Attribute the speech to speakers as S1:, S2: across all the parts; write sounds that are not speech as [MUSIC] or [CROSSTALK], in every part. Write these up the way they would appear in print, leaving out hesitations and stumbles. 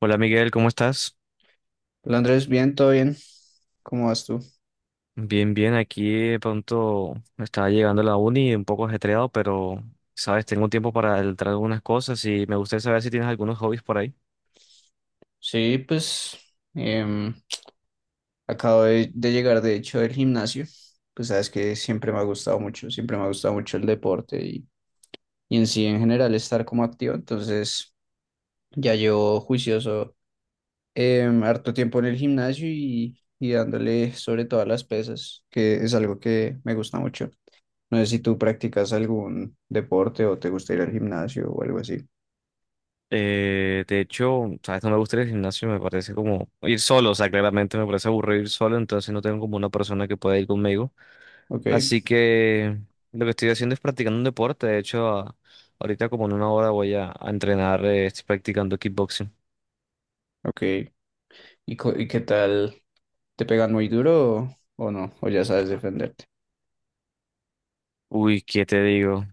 S1: Hola Miguel, ¿cómo estás?
S2: Hola Andrés, bien, todo bien. ¿Cómo vas tú?
S1: Bien, bien, aquí de pronto estaba llegando a la uni un poco ajetreado, pero sabes, tengo tiempo para entrar algunas cosas y me gustaría saber si tienes algunos hobbies por ahí.
S2: Sí, pues em, acabo de llegar de hecho del gimnasio. Pues sabes que siempre me ha gustado mucho, siempre me ha gustado mucho el deporte y en sí en general estar como activo. Entonces ya llevo juicioso harto tiempo en el gimnasio y dándole sobre todas las pesas, que es algo que me gusta mucho. No sé si tú practicas algún deporte o te gusta ir al gimnasio o algo así.
S1: De hecho, sabes, no me gusta ir al gimnasio, me parece como ir solo, o sea, claramente me parece aburrido ir solo, entonces no tengo como una persona que pueda ir conmigo.
S2: Ok,
S1: Así que lo que estoy haciendo es practicando un deporte, de hecho, ahorita como en una hora voy a entrenar, estoy practicando kickboxing.
S2: ok. ¿Y, y qué tal? ¿Te pegan muy duro o no? ¿O ya sabes defenderte?
S1: Uy, ¿qué te digo?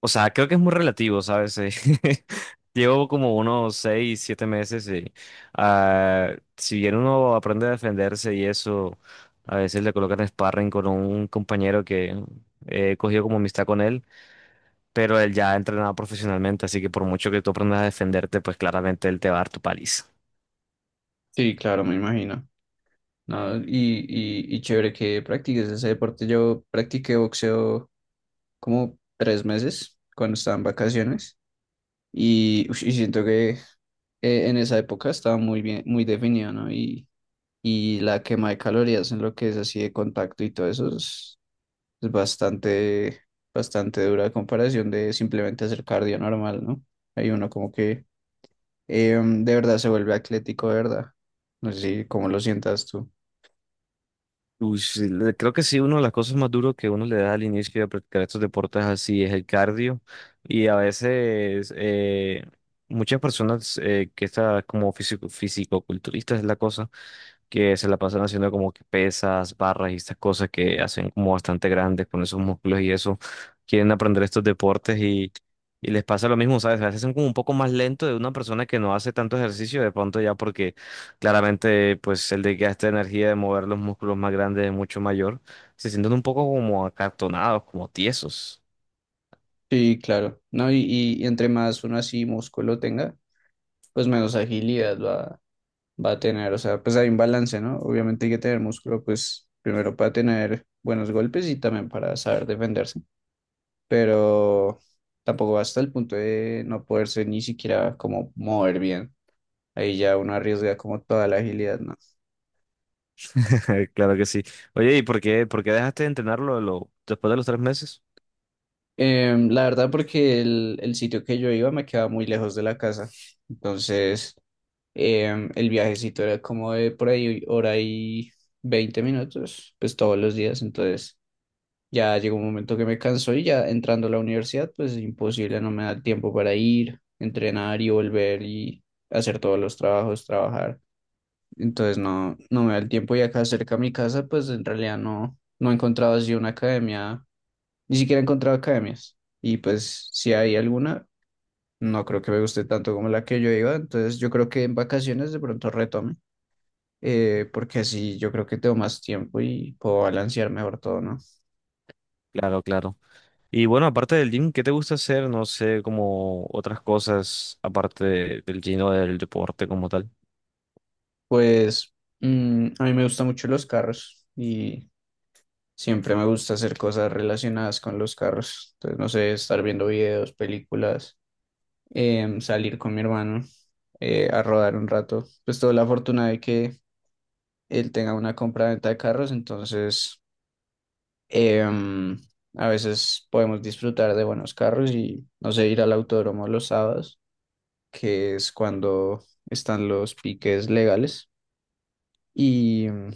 S1: O sea, creo que es muy relativo, ¿sabes? [LAUGHS] Llevo como unos 6, 7 meses y si bien uno aprende a defenderse y eso, a veces le colocan sparring con un compañero que he cogido como amistad con él, pero él ya ha entrenado profesionalmente, así que por mucho que tú aprendas a defenderte, pues claramente él te va a dar tu paliza.
S2: Sí, claro, me imagino. No, y chévere que practiques ese deporte. Yo practiqué boxeo como 3 meses cuando estaba en vacaciones y, ush, y siento que en esa época estaba muy bien, muy definido, ¿no? Y la quema de calorías en lo que es así de contacto y todo eso es bastante, bastante dura a comparación de simplemente hacer cardio normal, ¿no? Hay uno como que de verdad se vuelve atlético, de verdad. No sé si cómo lo sientas tú.
S1: Uy, sí, creo que sí, una de las cosas más duras que uno le da al inicio de practicar estos deportes así es el cardio. Y a veces muchas personas que están como físico, fisicoculturistas es la cosa, que se la pasan haciendo como que pesas, barras y estas cosas que hacen como bastante grandes con esos músculos y eso, quieren aprender estos deportes y les pasa lo mismo, ¿sabes? A veces son como un poco más lento de una persona que no hace tanto ejercicio de pronto ya porque claramente pues el desgaste de energía de mover los músculos más grandes es mucho mayor, se sienten un poco como acartonados, como tiesos.
S2: Sí, claro, ¿no? Y entre más uno así músculo tenga, pues menos agilidad va a tener, o sea, pues hay un balance, ¿no? Obviamente hay que tener músculo, pues primero para tener buenos golpes y también para saber defenderse, pero tampoco va hasta el punto de no poderse ni siquiera como mover bien. Ahí ya uno arriesga como toda la agilidad, ¿no?
S1: [LAUGHS] Claro que sí. Oye, ¿y por qué dejaste de entrenarlo después de los 3 meses?
S2: La verdad, porque el sitio que yo iba me quedaba muy lejos de la casa. Entonces, el viajecito era como de por ahí hora y 20 minutos, pues todos los días. Entonces, ya llegó un momento que me cansó y ya entrando a la universidad, pues imposible, no me da el tiempo para ir, entrenar y volver y hacer todos los trabajos, trabajar. Entonces, no me da el tiempo y acá cerca a mi casa, pues en realidad no he encontrado así una academia, ni siquiera he encontrado academias. Y pues si hay alguna, no creo que me guste tanto como la que yo iba. Entonces yo creo que en vacaciones de pronto retome. Porque así yo creo que tengo más tiempo y puedo balancear mejor todo, ¿no?
S1: Claro, claro. Y bueno, aparte del gym, ¿qué te gusta hacer? No sé, como otras cosas aparte del gym o del deporte como tal.
S2: Pues a mí me gustan mucho los carros y siempre me gusta hacer cosas relacionadas con los carros. Entonces, no sé, estar viendo videos, películas, salir con mi hermano a rodar un rato. Pues tuve la fortuna de que él tenga una compra-venta de carros, entonces, Em, a veces podemos disfrutar de buenos carros y, no sé, ir al autódromo los sábados, que es cuando están los piques legales. Y, mm,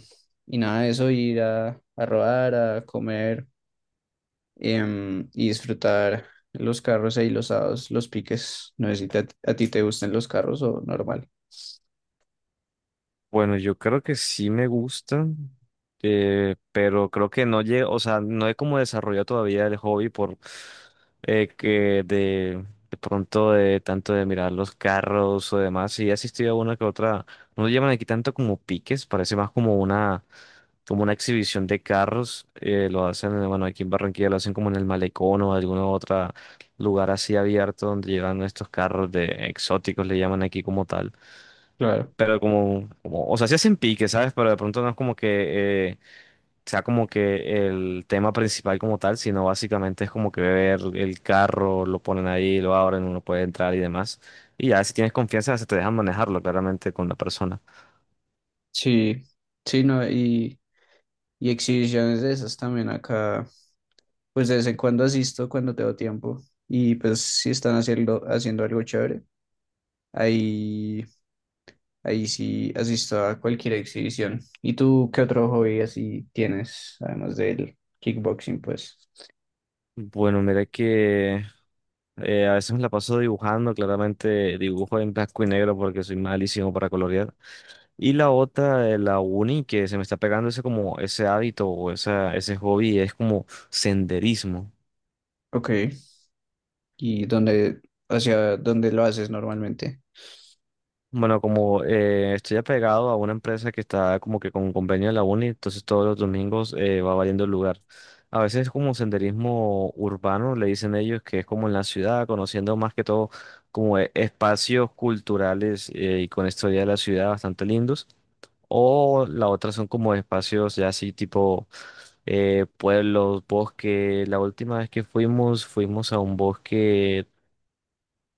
S2: y nada de eso, ir a rodar, a comer, y disfrutar los carros ahí los sábados, los piques. No sé si a ti te gustan los carros o normal.
S1: Bueno, yo creo que sí me gusta, pero creo que no llego, o sea, no he como desarrollado todavía el hobby por que de pronto de tanto de mirar los carros o demás. Sí he asistido a una que otra, no lo llaman aquí tanto como piques, parece más como una exhibición de carros. Lo hacen, bueno, aquí en Barranquilla lo hacen como en el Malecón o algún otro lugar así abierto donde llevan estos carros de exóticos, le llaman aquí como tal.
S2: Claro.
S1: Pero o sea, sí hacen pique, ¿sabes? Pero de pronto no es como que sea como que el tema principal como tal, sino básicamente es como que ver el carro, lo ponen ahí, lo abren, uno puede entrar y demás. Y ya si tienes confianza, se te dejan manejarlo claramente con la persona.
S2: Sí, sí, no, y exhibiciones de esas también acá. Pues de vez en cuando asisto cuando tengo tiempo y pues si están haciendo algo chévere, ahí, ahí sí asisto a cualquier exhibición. ¿Y tú qué otro hobby así tienes, además del kickboxing, pues?
S1: Bueno, mira que a veces me la paso dibujando, claramente dibujo en blanco y negro porque soy malísimo para colorear. Y la otra, la uni, que se me está pegando ese como ese hábito o esa, ese hobby, es como senderismo.
S2: Ok, ¿y dónde, hacia dónde lo haces normalmente?
S1: Bueno, como estoy apegado a una empresa que está como que con convenio de la uni, entonces todos los domingos va variando el lugar. A veces es como senderismo urbano, le dicen ellos, que es como en la ciudad, conociendo más que todo como espacios culturales y con historia de la ciudad bastante lindos. O la otra son como espacios ya así tipo pueblos, bosque. La última vez que fuimos, fuimos a un bosque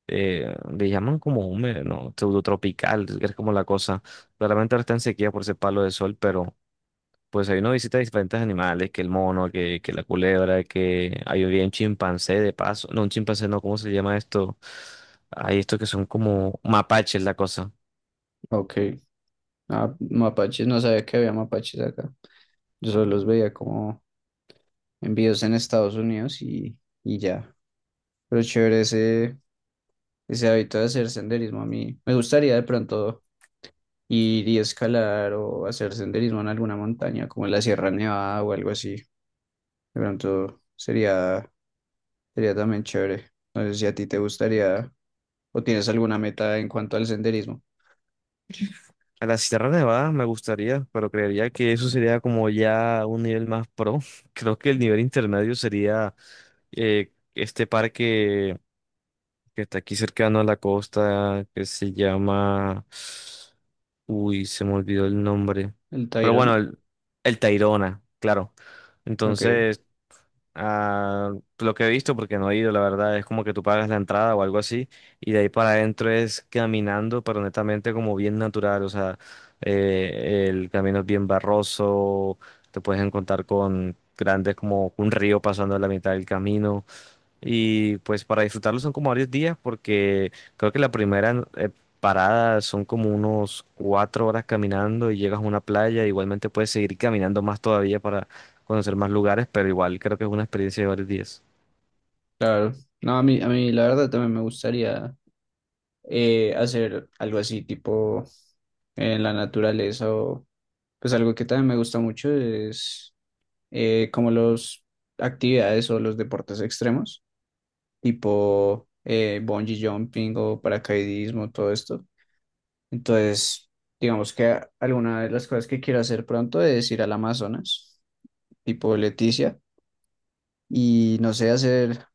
S1: le llaman como húmedo, ¿no? Pseudotropical, es como la cosa. Claramente ahora está en sequía por ese palo de sol, pero pues ahí uno visita diferentes animales, que el mono, que la culebra, que ahí había un chimpancé de paso. No, un chimpancé no, ¿cómo se llama esto? Hay estos que son como mapaches, la cosa.
S2: Ok, ah, mapaches, no sabía que había mapaches acá. Yo solo los veía como envíos en Estados Unidos y ya. Pero chévere ese hábito de hacer senderismo a mí. Me gustaría de pronto ir y escalar o hacer senderismo en alguna montaña, como en la Sierra Nevada o algo así. De pronto sería también chévere. No sé si a ti te gustaría o tienes alguna meta en cuanto al senderismo.
S1: A la Sierra Nevada me gustaría, pero creería que eso sería como ya un nivel más pro. [LAUGHS] Creo que el nivel intermedio sería este parque que está aquí cercano a la costa, que se llama... Uy, se me olvidó el nombre.
S2: ¿El
S1: Pero bueno,
S2: Tayrona?
S1: el Tayrona, claro.
S2: Ok,
S1: Entonces, ah, pues, lo que he visto, porque no he ido, la verdad, es como que tú pagas la entrada o algo así, y de ahí para adentro es caminando, pero netamente como bien natural, o sea, el camino es bien barroso, te puedes encontrar con grandes como un río pasando a la mitad del camino. Y pues para disfrutarlo son como varios días porque creo que la primera parada son como unos 4 horas caminando y llegas a una playa. Igualmente puedes seguir caminando más todavía para conocer más lugares, pero igual creo que es una experiencia de varios días.
S2: claro. No, a mí la verdad también me gustaría hacer algo así, tipo en la naturaleza o pues algo que también me gusta mucho es como los actividades o los deportes extremos. Tipo bungee jumping o paracaidismo, todo esto. Entonces, digamos que alguna de las cosas que quiero hacer pronto es ir al Amazonas, tipo Leticia, y no sé, hacer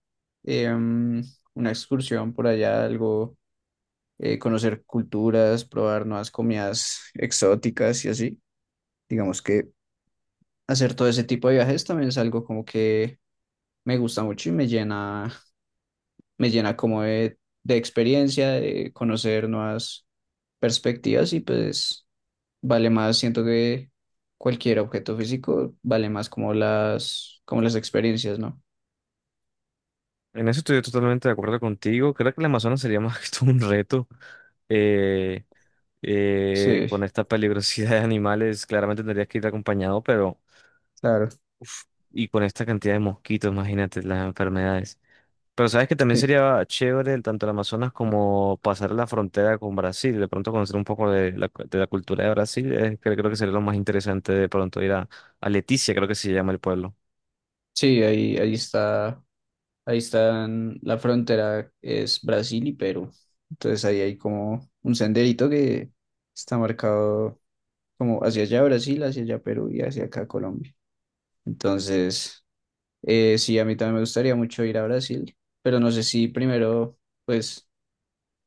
S2: em, una excursión por allá, algo, conocer culturas, probar nuevas comidas exóticas y así. Digamos que hacer todo ese tipo de viajes también es algo como que me gusta mucho y me llena como de experiencia, de conocer nuevas perspectivas y pues vale más, siento que cualquier objeto físico vale más como las, experiencias, ¿no?
S1: En eso estoy totalmente de acuerdo contigo. Creo que el Amazonas sería más que [LAUGHS] todo un reto. eh,
S2: Sí,
S1: con esta peligrosidad de animales, claramente tendrías que ir acompañado, pero...
S2: claro.
S1: uf, y con esta cantidad de mosquitos, imagínate las enfermedades. Pero sabes que también
S2: Sí,
S1: sería chévere tanto el Amazonas como pasar la frontera con Brasil, de pronto conocer un poco de la, de la cultura de Brasil, creo, que sería lo más interesante de pronto ir a Leticia, creo que se llama el pueblo.
S2: sí, ahí está, ahí están, la frontera es Brasil y Perú. Entonces ahí hay como un senderito que está marcado como hacia allá Brasil, hacia allá Perú y hacia acá Colombia. Entonces, Sí, a mí también me gustaría mucho ir a Brasil, pero no sé si primero, pues,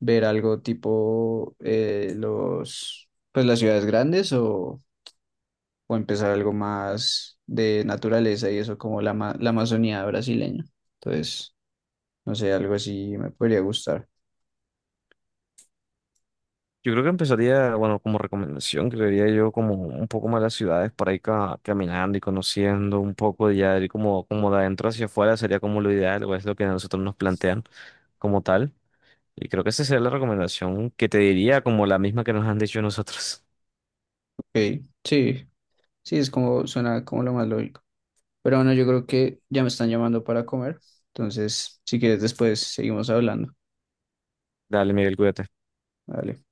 S2: ver algo tipo pues, las ciudades grandes o empezar algo más de naturaleza y eso como la, la Amazonía brasileña. Entonces, no sé, algo así me podría gustar.
S1: Yo creo que empezaría, bueno, como recomendación, creería yo como un poco más las ciudades para ir caminando y conociendo un poco y ya ir como de adentro hacia afuera sería como lo ideal o es lo que a nosotros nos plantean como tal. Y creo que esa sería la recomendación que te diría como la misma que nos han dicho nosotros.
S2: Ok, sí, sí, es como, suena como lo más lógico. Pero bueno, yo creo que ya me están llamando para comer, entonces, si quieres, después seguimos hablando.
S1: Dale, Miguel, cuídate.
S2: Vale.